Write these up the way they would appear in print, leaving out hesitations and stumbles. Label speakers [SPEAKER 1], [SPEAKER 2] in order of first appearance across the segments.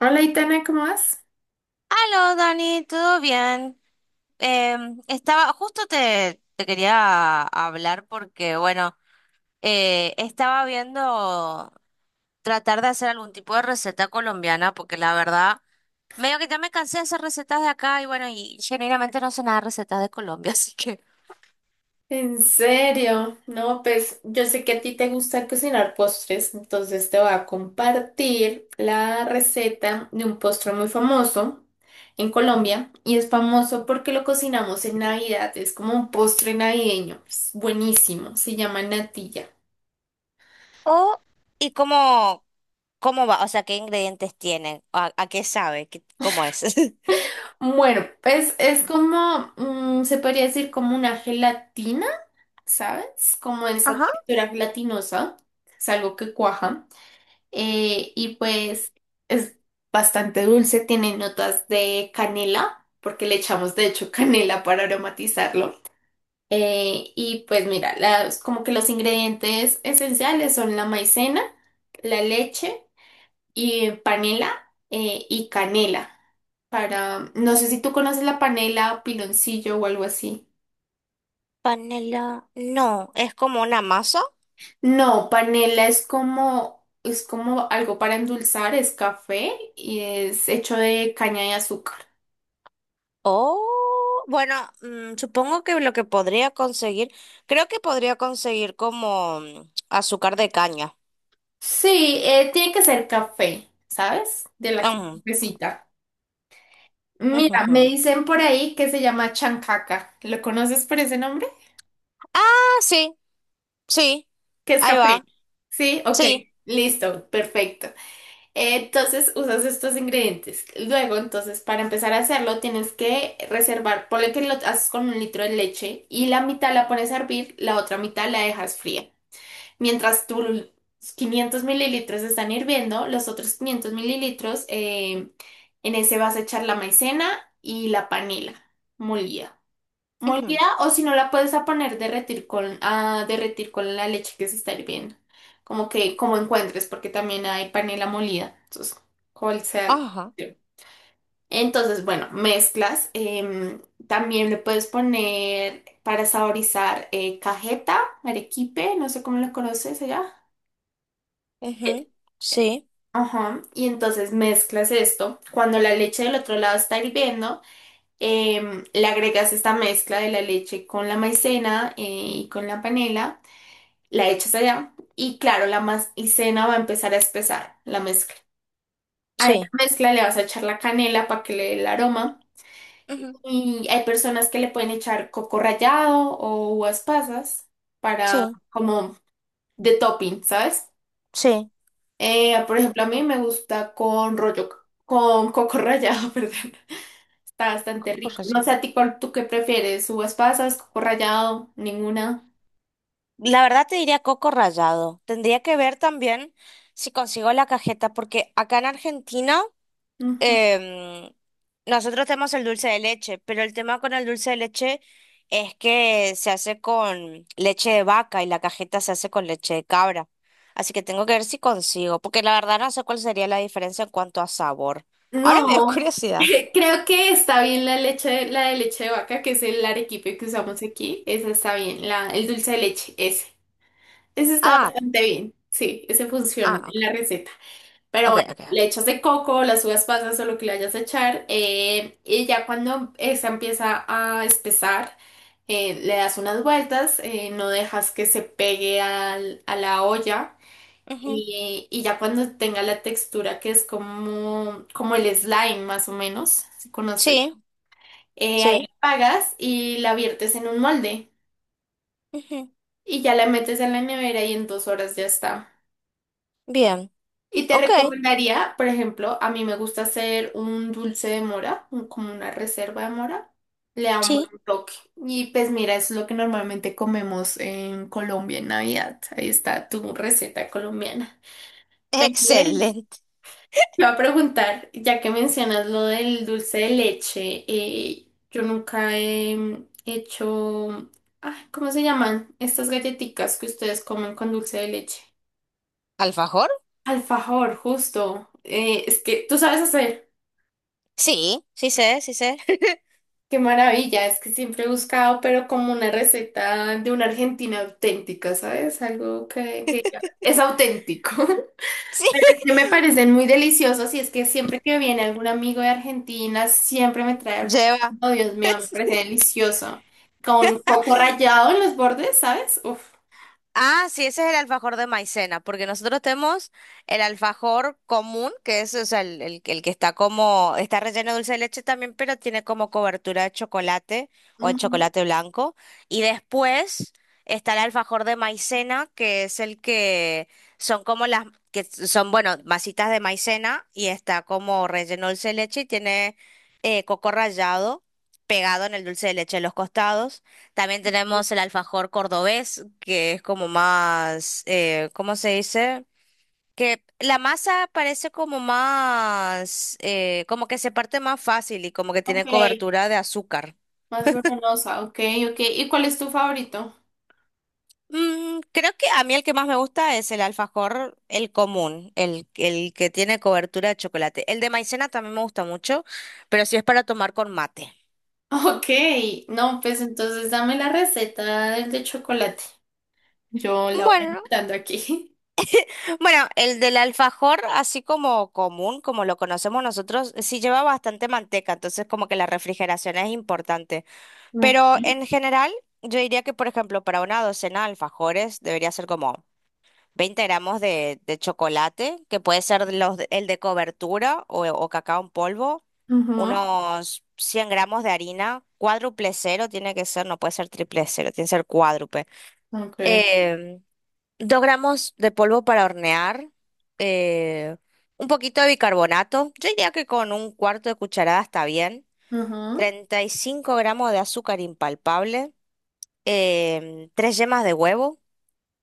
[SPEAKER 1] Hola, Itana, ¿cómo vas?
[SPEAKER 2] Aló, Dani, ¿todo bien? Estaba, justo te quería hablar porque, bueno, estaba viendo tratar de hacer algún tipo de receta colombiana porque la verdad, medio que ya me cansé de hacer recetas de acá y bueno, y genuinamente no sé nada de recetas de Colombia, así que...
[SPEAKER 1] En serio, no, pues yo sé que a ti te gusta cocinar postres, entonces te voy a compartir la receta de un postre muy famoso en Colombia y es famoso porque lo cocinamos en Navidad, es como un postre navideño, es buenísimo, se llama natilla.
[SPEAKER 2] Oh, ¿y cómo va? O sea, ¿qué ingredientes tienen? ¿A qué sabe? ¿Cómo es?
[SPEAKER 1] Bueno, pues es como, se podría decir como una gelatina, ¿sabes? Como esa
[SPEAKER 2] Ajá.
[SPEAKER 1] textura gelatinosa, es algo que cuaja. Y pues es bastante dulce, tiene notas de canela, porque le echamos de hecho canela para aromatizarlo. Y pues mira, las, como que los ingredientes esenciales son la maicena, la leche y panela y canela. Para, no sé si tú conoces la panela, piloncillo o algo así.
[SPEAKER 2] Panela. No, es como una masa.
[SPEAKER 1] No, panela es como algo para endulzar, es café y es hecho de caña de azúcar.
[SPEAKER 2] Oh, bueno, mm, supongo que lo que podría conseguir, creo que podría conseguir como mm, azúcar de caña.
[SPEAKER 1] Sí, tiene que ser café, ¿sabes? De la que
[SPEAKER 2] Ujú,
[SPEAKER 1] necesita.
[SPEAKER 2] ujú,
[SPEAKER 1] Mira, me
[SPEAKER 2] ujú.
[SPEAKER 1] dicen por ahí que se llama chancaca. ¿Lo conoces por ese nombre?
[SPEAKER 2] Ah, sí, sí,
[SPEAKER 1] Que es
[SPEAKER 2] ahí
[SPEAKER 1] café.
[SPEAKER 2] va,
[SPEAKER 1] Sí, ok.
[SPEAKER 2] sí,
[SPEAKER 1] Listo, perfecto. Entonces usas estos ingredientes. Luego, entonces, para empezar a hacerlo, tienes que reservar, ponle que lo haces con un litro de leche y la mitad la pones a hervir, la otra mitad la dejas fría. Mientras tus 500 mililitros están hirviendo, los otros 500 mililitros en ese vas a echar la maicena y la panela molida. Molida
[SPEAKER 2] ujú,
[SPEAKER 1] o si no la puedes a poner derretir con, a derretir con la leche que se está hirviendo. Como que como encuentres, porque también hay panela molida. Entonces, cual sea.
[SPEAKER 2] ajá,
[SPEAKER 1] Sí. Entonces, bueno, mezclas. También le puedes poner para saborizar cajeta, arequipe, no sé cómo lo conoces allá.
[SPEAKER 2] ujú, sí,
[SPEAKER 1] Ajá, y entonces mezclas esto. Cuando la leche del otro lado está hirviendo, le agregas esta mezcla de la leche con la maicena y con la panela, la echas allá y claro, la maicena va a empezar a espesar la mezcla. A esa
[SPEAKER 2] sí,
[SPEAKER 1] mezcla le vas a echar la canela para que le dé el aroma
[SPEAKER 2] ujú,
[SPEAKER 1] y hay personas que le pueden echar coco rallado o uvas pasas para
[SPEAKER 2] sí,
[SPEAKER 1] como de topping, ¿sabes?
[SPEAKER 2] sí,
[SPEAKER 1] Por
[SPEAKER 2] mm,
[SPEAKER 1] ejemplo, a mí me gusta con rollo, con coco rallado, perdón. Está bastante
[SPEAKER 2] coco
[SPEAKER 1] rico. No
[SPEAKER 2] rallado.
[SPEAKER 1] sé a ti cuál tú qué prefieres, uvas pasas, coco rallado, ninguna.
[SPEAKER 2] La verdad te diría coco rallado. Tendría que ver también si consigo la cajeta, porque acá en Argentina
[SPEAKER 1] Ujú.
[SPEAKER 2] em, nosotros tenemos el dulce de leche, pero el tema con el dulce de leche es que se hace con leche de vaca y la cajeta se hace con leche de cabra. Así que tengo que ver si consigo, porque la verdad no sé cuál sería la diferencia en cuanto a sabor. Ahora me dio
[SPEAKER 1] No,
[SPEAKER 2] curiosidad.
[SPEAKER 1] creo que está bien la leche, la de leche de vaca, que es el arequipe que usamos aquí. Esa está bien, la, el dulce de leche, ese. Ese está
[SPEAKER 2] Ah,
[SPEAKER 1] bastante bien. Sí, ese funciona en
[SPEAKER 2] ok,
[SPEAKER 1] la receta. Pero
[SPEAKER 2] ok, ok.
[SPEAKER 1] bueno, le
[SPEAKER 2] Ok.
[SPEAKER 1] echas de coco, las uvas pasas o lo que le vayas a echar, y ya cuando esa empieza a espesar, le das unas vueltas, no dejas que se pegue a la olla,
[SPEAKER 2] Ujú.
[SPEAKER 1] y ya cuando tenga la textura que es como, como el slime más o menos, si conoces,
[SPEAKER 2] Sí,
[SPEAKER 1] ahí la
[SPEAKER 2] sí.
[SPEAKER 1] apagas y la viertes en un molde,
[SPEAKER 2] Ujú.
[SPEAKER 1] y ya la metes en la nevera y en 2 horas ya está.
[SPEAKER 2] Bien,
[SPEAKER 1] Y te
[SPEAKER 2] ok,
[SPEAKER 1] recomendaría, por ejemplo, a mí me gusta hacer un dulce de mora, como una reserva de mora. Le da un buen
[SPEAKER 2] sí.
[SPEAKER 1] toque. Y pues mira, eso es lo que normalmente comemos en Colombia en Navidad. Ahí está tu receta colombiana. Pero bueno,
[SPEAKER 2] Excelente.
[SPEAKER 1] te voy a preguntar, ya que mencionas lo del dulce de leche, yo nunca he hecho, ay, ¿cómo se llaman? Estas galletitas que ustedes comen con dulce de leche.
[SPEAKER 2] ¿Alfajor?
[SPEAKER 1] Alfajor, justo. Es que tú sabes hacer.
[SPEAKER 2] Sí, sí sé.
[SPEAKER 1] Qué maravilla, es que siempre he buscado, pero como una receta de una Argentina auténtica, ¿sabes? Algo que es auténtico.
[SPEAKER 2] Sí,
[SPEAKER 1] Es que me parecen muy deliciosos y es que siempre que viene algún amigo de Argentina, siempre me trae alfajor.
[SPEAKER 2] lleva.
[SPEAKER 1] Oh, Dios mío, me parece delicioso. Con coco rallado en los bordes, ¿sabes? Uf.
[SPEAKER 2] Ah, sí, ese es el alfajor de maicena, porque nosotros tenemos el alfajor común, que es, o sea, el que está como, está relleno de dulce de leche también, pero tiene como cobertura de chocolate o de
[SPEAKER 1] Ujú,
[SPEAKER 2] chocolate blanco. Y después está el alfajor de maicena, que es el que son como las, que son, bueno, masitas de maicena y está como relleno de dulce de leche y tiene coco rallado pegado en el dulce de leche en los costados. También tenemos el alfajor cordobés, que es como más, ¿cómo se dice? Que la masa parece como más, como que se parte más fácil y como que
[SPEAKER 1] ok,
[SPEAKER 2] tiene cobertura de azúcar.
[SPEAKER 1] más venenosa, ok, ok. ¿Y cuál es tu favorito?
[SPEAKER 2] Mm, creo que a mí el que más me gusta es el alfajor, el común, el que tiene cobertura de chocolate. El de maicena también me gusta mucho, pero si es para tomar con mate.
[SPEAKER 1] Ok, no, pues entonces dame la receta del de chocolate. Yo la voy
[SPEAKER 2] Bueno.
[SPEAKER 1] anotando aquí.
[SPEAKER 2] Bueno, el del alfajor, así como común, como lo conocemos nosotros, sí lleva bastante manteca, entonces como que la refrigeración es importante. Pero
[SPEAKER 1] Okay.
[SPEAKER 2] en general, yo diría que, por ejemplo, para una docena de alfajores debería ser como 20 g de chocolate, que puede ser el de cobertura o cacao en polvo,
[SPEAKER 1] Ajá,
[SPEAKER 2] unos 100 g de harina, cuádruple cero tiene que ser, no puede ser triple cero, tiene que ser cuádruple.
[SPEAKER 1] okay.
[SPEAKER 2] Em, 2 g de polvo para hornear, eh, un poquito de bicarbonato. Yo diría que con un cuarto de cucharada está bien.
[SPEAKER 1] Ajá,
[SPEAKER 2] 35 g de azúcar impalpable, tres yemas de huevo,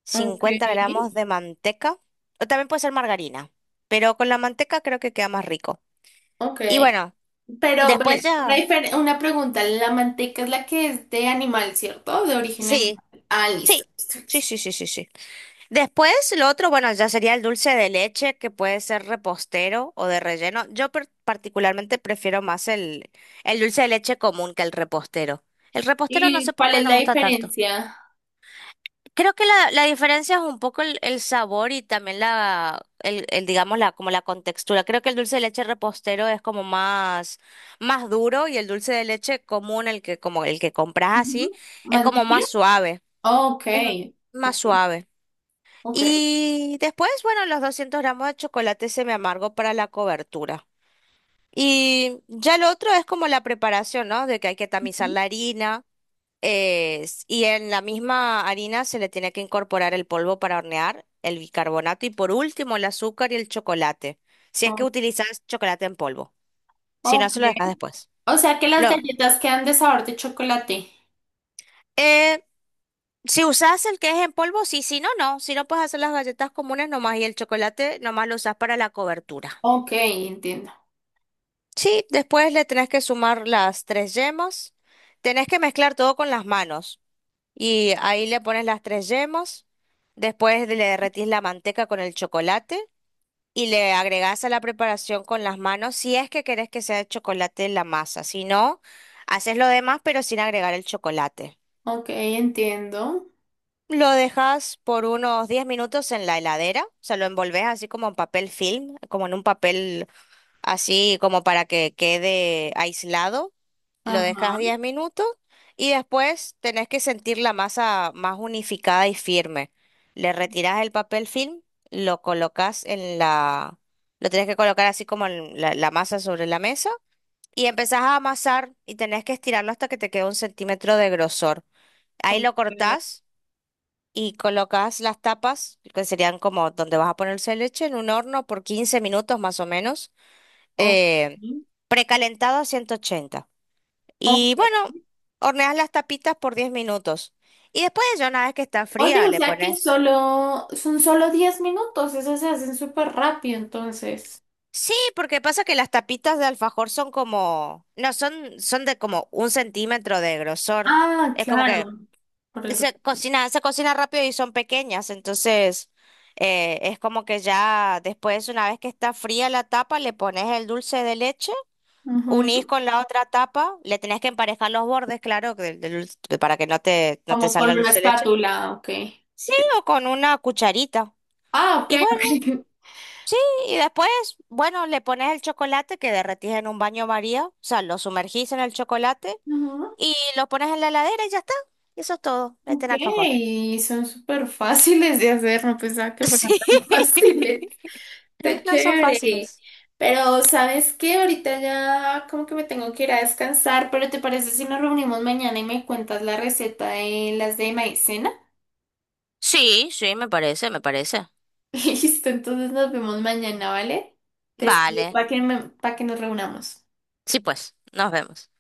[SPEAKER 2] cincuenta
[SPEAKER 1] okay.
[SPEAKER 2] gramos de manteca, o también puede ser margarina, pero con la manteca creo que queda más rico. Y
[SPEAKER 1] Okay.
[SPEAKER 2] bueno,
[SPEAKER 1] Pero, bueno,
[SPEAKER 2] después
[SPEAKER 1] una,
[SPEAKER 2] ya...
[SPEAKER 1] difer- una pregunta, la manteca es la que es de animal, ¿cierto? De origen animal.
[SPEAKER 2] Sí,
[SPEAKER 1] Ah, listo,
[SPEAKER 2] sí,
[SPEAKER 1] listo,
[SPEAKER 2] sí,
[SPEAKER 1] listo.
[SPEAKER 2] sí, sí, sí, sí. Después, lo otro, bueno, ya sería el dulce de leche, que puede ser repostero o de relleno. Yo particularmente prefiero más el dulce de leche común que el repostero. El repostero no
[SPEAKER 1] ¿Y
[SPEAKER 2] sé por
[SPEAKER 1] cuál
[SPEAKER 2] qué
[SPEAKER 1] es
[SPEAKER 2] no
[SPEAKER 1] la
[SPEAKER 2] me gusta tanto.
[SPEAKER 1] diferencia?
[SPEAKER 2] Creo que la diferencia es un poco el sabor y también digamos, la, como la contextura. Creo que el dulce de leche repostero es como más duro y el dulce de leche común, el que, como el que compras
[SPEAKER 1] Ujú.
[SPEAKER 2] así, es
[SPEAKER 1] ¿Más
[SPEAKER 2] como
[SPEAKER 1] líquida?
[SPEAKER 2] más suave. Es
[SPEAKER 1] Okay,
[SPEAKER 2] más
[SPEAKER 1] okay,
[SPEAKER 2] suave.
[SPEAKER 1] okay.
[SPEAKER 2] Y después, bueno, los 200 g de chocolate semi amargo para la cobertura. Y ya lo otro es como la preparación, ¿no? De que hay que tamizar
[SPEAKER 1] Ujú.
[SPEAKER 2] la harina. Y en la misma harina se le tiene que incorporar el polvo para hornear, el bicarbonato y por último el azúcar y el chocolate. Si es que
[SPEAKER 1] Oh,
[SPEAKER 2] utilizas chocolate en polvo. Si no, se lo dejas
[SPEAKER 1] okay.
[SPEAKER 2] después.
[SPEAKER 1] O sea que las
[SPEAKER 2] Lo,
[SPEAKER 1] galletas quedan de sabor de chocolate.
[SPEAKER 2] eh, si usas el que es en polvo, sí, si no, no. Si no, puedes hacer las galletas comunes nomás y el chocolate nomás lo usas para la cobertura.
[SPEAKER 1] Okay, entiendo.
[SPEAKER 2] Sí, después le tenés que sumar las tres yemas. Tenés que mezclar todo con las manos. Y ahí le pones las tres yemas. Después le derretís la manteca con el chocolate. Y le agregás a la preparación con las manos si es que querés que sea de chocolate la masa. Si no, haces lo demás pero sin agregar el chocolate.
[SPEAKER 1] Okay, entiendo.
[SPEAKER 2] Lo dejas por unos 10 minutos en la heladera. O sea, lo envolvés así como en papel film, como en un papel así como para que quede aislado. Lo dejas
[SPEAKER 1] Ajá.
[SPEAKER 2] 10 minutos y después tenés que sentir la masa más unificada y firme. Le retirás el papel film, lo colocas en la... Lo tenés que colocar así como en la masa sobre la mesa y empezás a amasar y tenés que estirarlo hasta que te quede 1 cm de grosor. Ahí lo
[SPEAKER 1] Okay.
[SPEAKER 2] cortás y colocas las tapas, que serían como donde vas a ponerse leche, en un horno por 15 minutos más o menos eh,
[SPEAKER 1] Okay,
[SPEAKER 2] precalentado a 180. Y
[SPEAKER 1] ok.
[SPEAKER 2] bueno, horneas las tapitas por 10 minutos. Y después, ya una vez que está
[SPEAKER 1] Oye,
[SPEAKER 2] fría,
[SPEAKER 1] o
[SPEAKER 2] le
[SPEAKER 1] sea que
[SPEAKER 2] pones.
[SPEAKER 1] solo son solo 10 minutos, eso se hacen súper rápido entonces.
[SPEAKER 2] Sí, porque pasa que las tapitas de alfajor son como, no, son, son de como 1 cm de grosor.
[SPEAKER 1] Ah,
[SPEAKER 2] Es como que
[SPEAKER 1] claro. Por el.
[SPEAKER 2] se cocina rápido y son pequeñas, entonces es como que ya después, una vez que está fría la tapa, le pones el dulce de leche.
[SPEAKER 1] Ujú.
[SPEAKER 2] Unís con la otra tapa, le tenés que emparejar los bordes, claro, que del- del dulce- de- para que no te
[SPEAKER 1] Como con
[SPEAKER 2] salga el
[SPEAKER 1] una
[SPEAKER 2] dulce de leche.
[SPEAKER 1] espátula, ok.
[SPEAKER 2] Sí, o con una cucharita.
[SPEAKER 1] Ah, ok,
[SPEAKER 2] Y bueno,
[SPEAKER 1] ok.
[SPEAKER 2] y después, bueno, le pones el chocolate que derretís en un baño María, o sea, lo sumergís en el chocolate
[SPEAKER 1] Ujú.
[SPEAKER 2] y lo pones en la heladera y ya está. Y eso es todo, meten
[SPEAKER 1] Ok,
[SPEAKER 2] alfajor.
[SPEAKER 1] son súper fáciles de hacer, no pensaba que
[SPEAKER 2] Sí,
[SPEAKER 1] fueran tan fáciles. Está
[SPEAKER 2] no son
[SPEAKER 1] chévere.
[SPEAKER 2] fáciles.
[SPEAKER 1] Pero, ¿sabes qué? Ahorita ya como que me tengo que ir a descansar, pero ¿te parece si nos reunimos mañana y me cuentas la receta de las de maíz?
[SPEAKER 2] Sí, sí, me parece, me parece.
[SPEAKER 1] Listo, entonces nos vemos mañana, ¿vale? Te escribo
[SPEAKER 2] Vale.
[SPEAKER 1] para que, nos reunamos.
[SPEAKER 2] Sí, pues, nos vemos.